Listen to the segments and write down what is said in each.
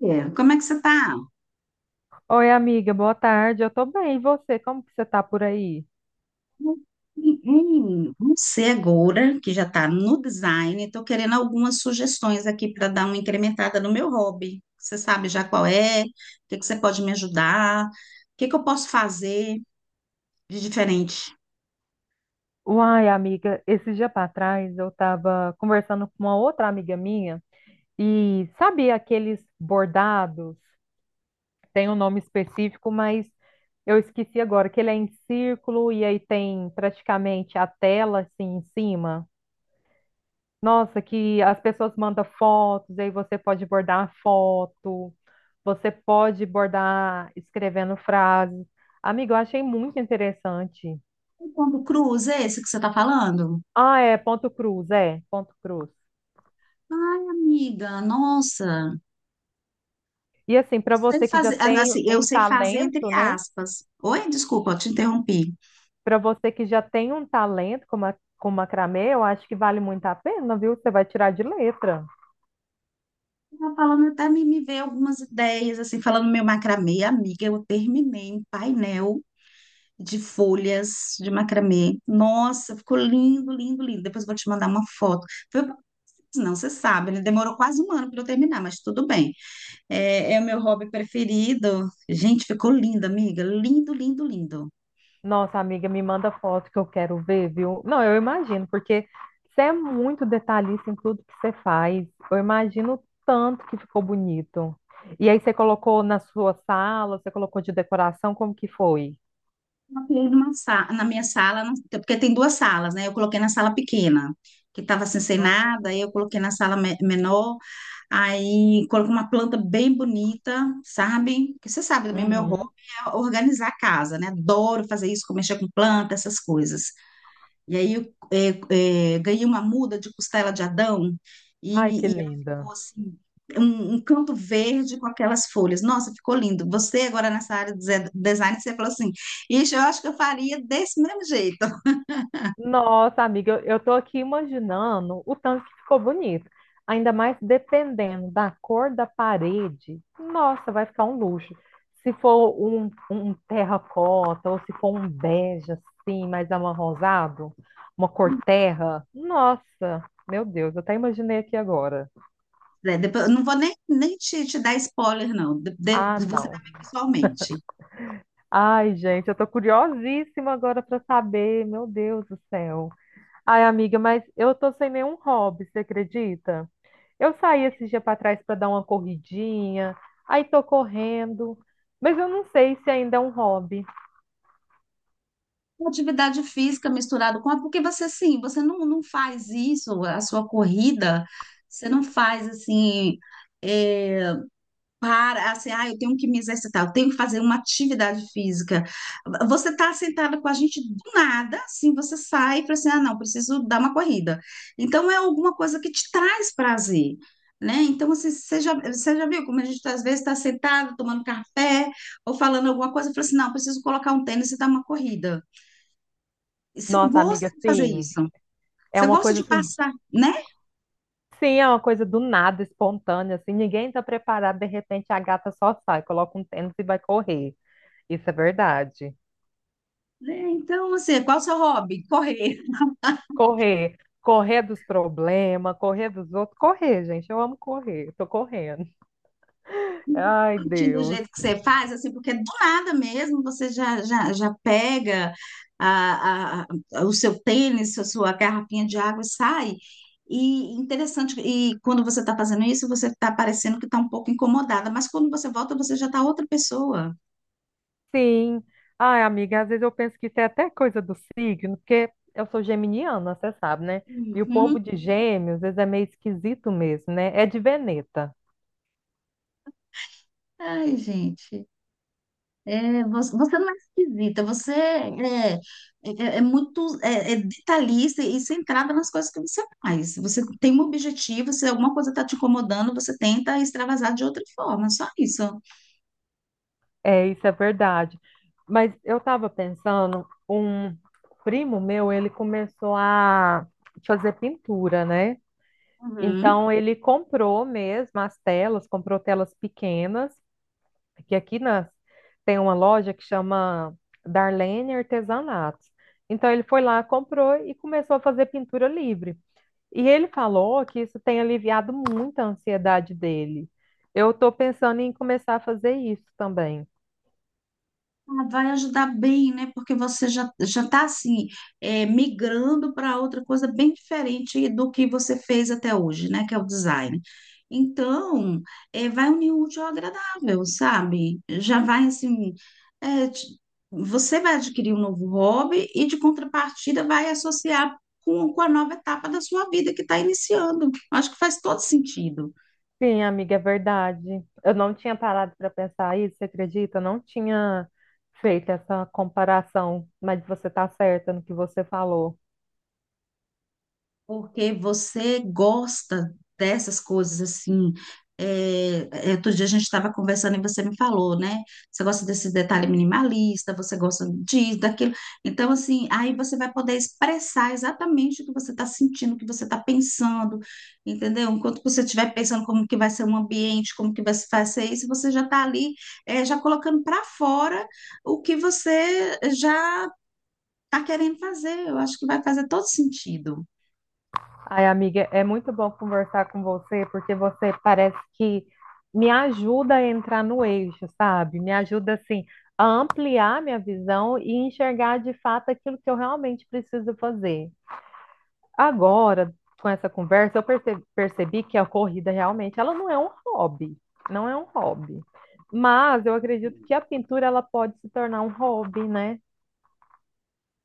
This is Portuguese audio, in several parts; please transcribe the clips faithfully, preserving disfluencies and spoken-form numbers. É, como é que você está? Oi, amiga, boa tarde. Eu tô bem. E você? Como que você tá por aí? Você agora, que já está no design, estou querendo algumas sugestões aqui para dar uma incrementada no meu hobby. Você sabe já qual é? O que que você pode me ajudar? O que que eu posso fazer de diferente? Uai, amiga, esse dia para trás eu tava conversando com uma outra amiga minha e sabe aqueles bordados? Tem um nome específico, mas eu esqueci agora que ele é em círculo e aí tem praticamente a tela assim em cima. Nossa, que as pessoas mandam fotos, aí você pode bordar a foto, você pode bordar escrevendo frases. Amiga, eu achei muito interessante. O pombo cruz, é esse que você está falando? Ah, é, ponto cruz, é, ponto cruz. Ai, amiga, nossa. E assim, para Sei você que já fazer, ah, tem assim, eu um sei fazer entre talento, né? aspas. Oi, desculpa, eu te interrompi. Para você que já tem um talento como ma com macramê, eu acho que vale muito a pena, viu? Você vai tirar de letra. Tava falando até me, me veio algumas ideias, assim, falando meu macramê, amiga, eu terminei um painel de folhas de macramê. Nossa, ficou lindo, lindo, lindo. Depois eu vou te mandar uma foto. Foi, uma coisa, não, você sabe, né? Demorou quase um ano para eu terminar, mas tudo bem. É, é o meu hobby preferido. Gente, ficou lindo, amiga. Lindo, lindo, lindo. Nossa, amiga, me manda foto que eu quero ver, viu? Não, eu imagino, porque você é muito detalhista em tudo que você faz. Eu imagino o tanto que ficou bonito. E aí você colocou na sua sala, você colocou de decoração, como que foi? Coloquei numa sa- na minha sala, na- porque tem duas salas, né? Eu coloquei na sala pequena, que estava assim, sem Ah. nada, aí eu coloquei na sala me- menor. Aí coloco uma planta bem bonita, sabe? Porque você sabe também, meu hobby Uhum. é organizar a casa, né? Adoro fazer isso, mexer com planta, essas coisas. E aí eu é, é, ganhei uma muda de costela de Adão Ai, que e, e ela linda. ficou assim, um, um canto verde com aquelas folhas. Nossa, ficou lindo. Você agora nessa área de ze- design, você falou assim, ixi, eu acho que eu faria desse mesmo jeito. Nossa, amiga, eu, eu tô aqui imaginando o tanto que ficou bonito. Ainda mais dependendo da cor da parede. Nossa, vai ficar um luxo. Se for um, um terracota ou se for um bege assim, mais amarronzado, uma cor terra. Nossa, meu Deus, eu até imaginei aqui agora. É, depois, eu não vou nem, nem te, te dar spoiler, não. De- Ah, de- Você não. vai ver pessoalmente. Ai, gente, eu tô curiosíssima agora para saber. Meu Deus do céu. Ai, amiga, mas eu tô sem nenhum hobby, você acredita? Eu saí esse dia para trás para dar uma corridinha, aí tô correndo, mas eu não sei se ainda é um hobby. Uma atividade física misturado com a, porque você assim, você não, não faz isso, a sua corrida, você não faz assim, é, para assim, ah, eu tenho que me exercitar, eu tenho que fazer uma atividade física. Você está sentada com a gente do nada, assim, você sai e fala assim, ah, não, preciso dar uma corrida. Então é alguma coisa que te traz prazer. Né? Então, assim, você já, você já viu como a gente às vezes está sentado, tomando café ou falando alguma coisa, e fala assim: não, preciso colocar um tênis e dar uma corrida. Você Nossa, gosta amiga, de fazer sim, isso? é Você uma gosta coisa de assim, passar, né? sim, é uma coisa do nada, espontânea, assim, ninguém tá preparado, de repente a gata só sai, coloca um tênis e vai correr. Isso é verdade. Né? Então, assim, qual é o seu hobby? Correr. Correr, correr dos problemas, correr dos outros, correr, gente, eu amo correr, tô correndo. Ai, Curtindo o Deus. jeito que você faz, assim, porque do nada mesmo você já, já, já pega a, a- a- o seu tênis, a sua garrafinha de água e sai. E interessante, e quando você está fazendo isso, você está parecendo que está um pouco incomodada, mas quando você volta, você já está outra pessoa. Sim. Ai, amiga, às vezes eu penso que isso é até coisa do signo, porque eu sou geminiana, você sabe, né? E o Uhum. povo de gêmeos, às vezes, é meio esquisito mesmo, né? É de Veneta. Ai, gente. É, você você não é esquisita, você é, é, é muito é, é detalhista e centrada nas coisas que você faz. Você tem um objetivo, se alguma coisa está te incomodando, você tenta extravasar de outra forma, só isso. É, isso é verdade. Mas eu estava pensando, um primo meu, ele começou a fazer pintura, né? Uhum. Então ele comprou mesmo as telas, comprou telas pequenas, que aqui nas, tem uma loja que chama Darlene Artesanatos. Então ele foi lá, comprou e começou a fazer pintura livre. E ele falou que isso tem aliviado muito a ansiedade dele. Eu estou pensando em começar a fazer isso também. Ah, vai ajudar bem, né? Porque você já já está assim é, migrando para outra coisa bem diferente do que você fez até hoje, né? Que é o design. Então, é, vai unir o útil ao agradável, sabe? Já vai assim, é, te- você vai adquirir um novo hobby e de contrapartida vai associar com, com a nova etapa da sua vida que está iniciando. Acho que faz todo sentido. Sim, amiga, é verdade. Eu não tinha parado para pensar isso, você acredita? Eu não tinha feito essa comparação, mas você está certa no que você falou. Porque você gosta dessas coisas assim. É, é, outro dia a gente estava conversando e você me falou, né? Você gosta desse detalhe minimalista, você gosta disso, daquilo. Então, assim, aí você vai poder expressar exatamente o que você está sentindo, o que você está pensando, entendeu? Enquanto você estiver pensando como que vai ser um ambiente, como que vai se- vai ser isso, você já está ali, é, já colocando para fora o que você já está querendo fazer. Eu acho que vai fazer todo sentido. Ai, amiga, é muito bom conversar com você, porque você parece que me ajuda a entrar no eixo, sabe? Me ajuda, assim, a ampliar minha visão e enxergar de fato aquilo que eu realmente preciso fazer. Agora, com essa conversa, eu perce- percebi que a corrida realmente, ela não é um hobby, não é um hobby. Mas eu acredito que a pintura, ela pode se tornar um hobby, né?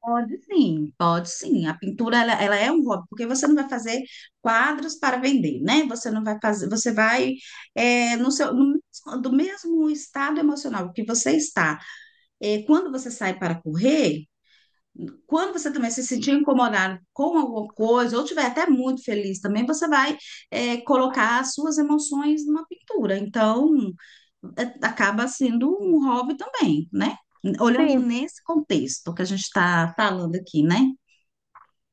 Pode sim, pode sim. A pintura ela, ela é um hobby, porque você não vai fazer quadros para vender, né? Você não vai fazer, você vai é, no seu no, mesmo- do mesmo estado emocional que você está. É, quando você sai para correr, quando você também se sentir incomodado com alguma coisa, ou estiver até muito feliz também, você vai é, colocar as suas emoções numa pintura. Então, é, acaba sendo um hobby também, né? Olhando Sim. nesse contexto que a gente está falando aqui, né?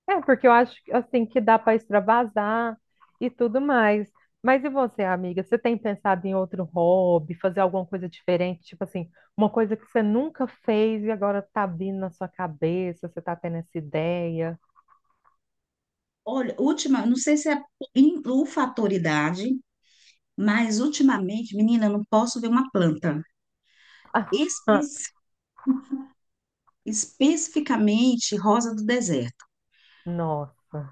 É, porque eu acho assim que dá para extravasar e tudo mais. Mas e você, amiga? Você tem pensado em outro hobby, fazer alguma coisa diferente? Tipo assim, uma coisa que você nunca fez e agora tá vindo na sua cabeça, você tá tendo essa ideia. Olha, última, não sei se é in- o fator idade, mas ultimamente, menina, eu não posso ver uma planta. Espe- especificamente rosa do deserto. Nossa,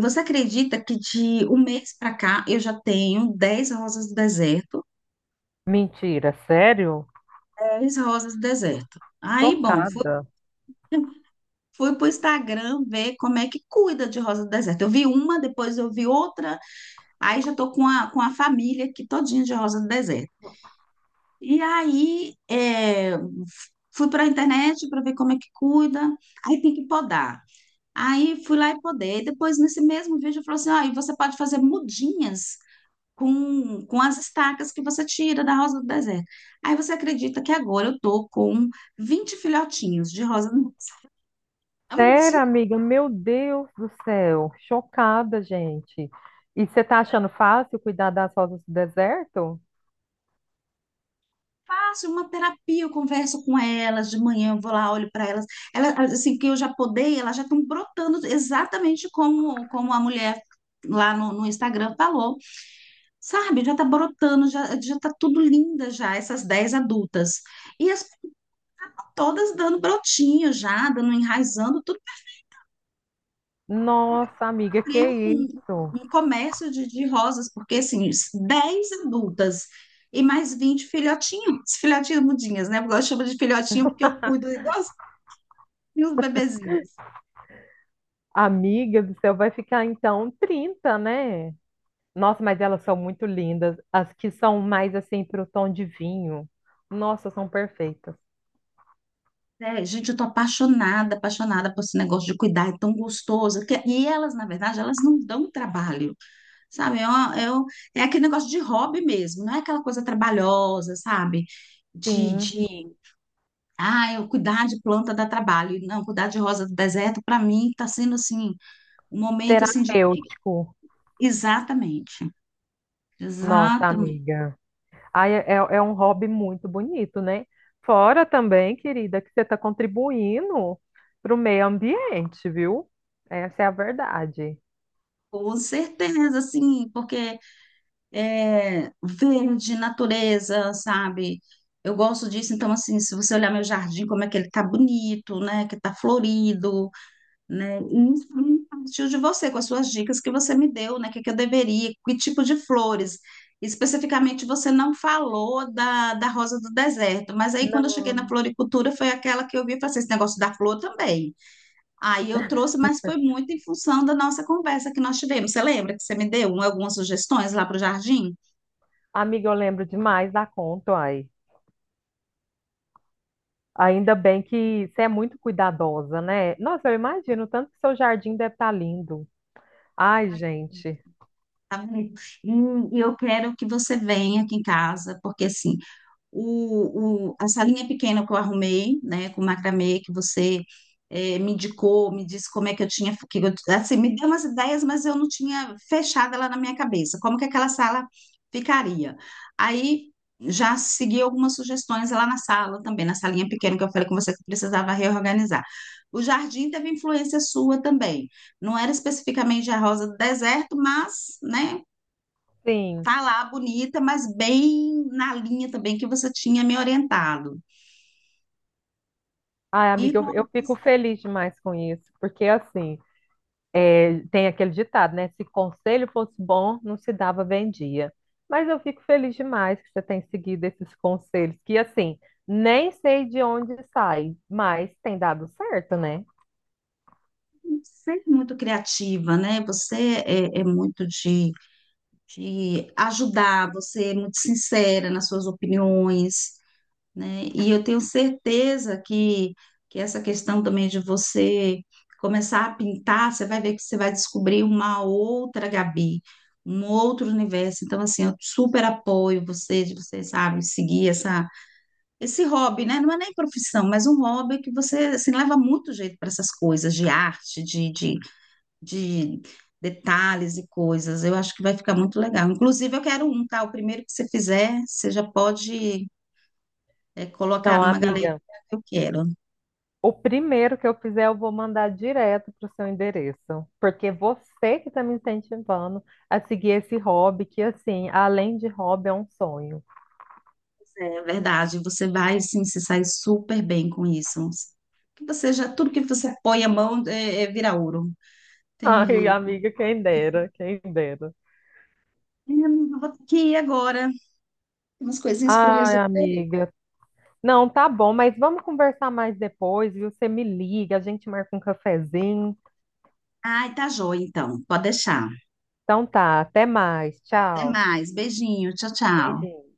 Você acredita que de um mês para cá eu já tenho dez rosas do deserto? mentira, sério? Dez rosas do deserto. Aí, bom, fui, Chocada. fui pro Instagram ver como é que cuida de rosa do deserto. Eu vi uma, depois eu vi outra, aí já tô com a, com a família aqui todinha de rosa do deserto. E aí, é, fui para a internet para ver como é que cuida, aí tem que podar. Aí fui lá e podei. Depois, nesse mesmo vídeo, falou assim: ó, e você pode fazer mudinhas com, com as estacas que você tira da rosa do deserto. Aí você acredita que agora eu tô com vinte filhotinhos de rosa do deserto? É muito assim, Sério, amiga? Meu Deus do céu, chocada, gente. E você tá achando fácil cuidar das rosas do deserto? fácil, uma terapia, eu converso com elas, de manhã eu vou lá, olho para elas. Elas, assim, que eu já podei, elas já estão brotando exatamente como, como a mulher lá no, no Instagram falou, sabe? Já tá brotando, já, já tá tudo linda já, essas dez adultas. E as todas dando brotinho já, dando, enraizando, Nossa, amiga, que abrir um, isso? um comércio de, de rosas, porque assim, dez adultas e mais vinte filhotinhos, filhotinhos mudinhas, né? Eu gosto de chamar de filhotinho porque eu cuido igualzinho os bebezinhos. Amiga do céu, vai ficar então trinta, né? Nossa, mas elas são muito lindas. As que são mais assim pro tom de vinho. Nossa, são perfeitas. É, gente, eu tô apaixonada, apaixonada por esse negócio de cuidar, é tão gostoso. Que- E elas, na verdade, elas não dão trabalho, sabe? É, uma- é um- é aquele negócio de hobby mesmo, não é aquela coisa trabalhosa, sabe? De, Sim, de, ah, eu cuidar de planta dá trabalho. Não, cuidar de rosa do deserto, para mim, tá sendo assim, um momento assim de. terapêutico. Exatamente, Nossa, exatamente. amiga. Ai, é, é é um hobby muito bonito, né? Fora também, querida, que você está contribuindo pro meio ambiente, viu? Essa é a verdade. Com certeza, sim, porque é verde, natureza, sabe? Eu gosto disso, então, assim, se você olhar meu jardim, como é que ele tá bonito, né? Que tá florido, né? E isso pra mim partiu de você, com as suas dicas que você me deu, né? O que que eu deveria, que tipo de flores. Especificamente, você não falou da, da rosa do deserto, mas aí quando eu cheguei na Não, floricultura, foi aquela que eu vi e falei, assim, esse negócio da flor também. Aí eu trouxe, mas foi muito em função da nossa conversa que nós tivemos. Você lembra que você me deu um- algumas sugestões lá para o jardim? amiga, eu lembro demais da conta. Ainda bem que você é muito cuidadosa, né? Nossa, eu imagino o tanto que seu jardim deve estar lindo. Ai, gente, Tá vendo? E e eu quero que você venha aqui em casa, porque assim, o, o- a salinha pequena que eu arrumei, né, com macramê, que você eh, me indicou, me disse como é que eu tinha, que eu- assim, me deu umas ideias, mas eu não tinha fechado ela na minha cabeça, como que aquela sala ficaria. Aí já segui algumas sugestões lá na sala também, na salinha pequena que eu falei com você que eu precisava reorganizar. O jardim teve influência sua também. Não era especificamente a rosa do deserto, mas, né, sim. tá lá bonita, mas bem na linha também que você tinha me orientado. Ai, E amiga, eu, eu fico hobbies, feliz demais com isso, porque assim, é, tem aquele ditado, né? Se conselho fosse bom, não se dava vendia. Mas eu fico feliz demais que você tem seguido esses conselhos, que assim, nem sei de onde sai, mas tem dado certo, né? sempre muito criativa, né? Você é, é muito de, de ajudar, você é muito sincera nas suas opiniões, né? E eu tenho certeza que, que essa questão também de você começar a pintar, você vai ver que você vai descobrir uma outra Gabi, um outro universo. Então, assim, eu super apoio você, de você, sabe, seguir essa esse hobby, né? Não é nem profissão, mas um hobby que você assim, leva muito jeito para essas coisas de arte, de, de, de detalhes e coisas. Eu acho que vai ficar muito legal. Inclusive, eu quero um, tá? O primeiro que você fizer, você já pode eh, colocar Não, numa galeria amiga. que eu quero. O primeiro que eu fizer, eu vou mandar direto para o seu endereço, porque você que está me incentivando a seguir esse hobby, que assim, além de hobby, é um sonho. É verdade, você vai sim se sair super bem com isso. Que você já, tudo que você põe a mão é, é vira ouro. Ai, Entendi. amiga, quem dera, quem dera. Eu vou ter que ir agora. Tem umas coisinhas para eu Ai, resolver. amiga. Não, tá bom, mas vamos conversar mais depois, viu? Você me liga, a gente marca um cafezinho. Ai, tá joia, então. Pode deixar. Então tá, até mais. Até Tchau. mais. Beijinho. Tchau, tchau. Beijinho.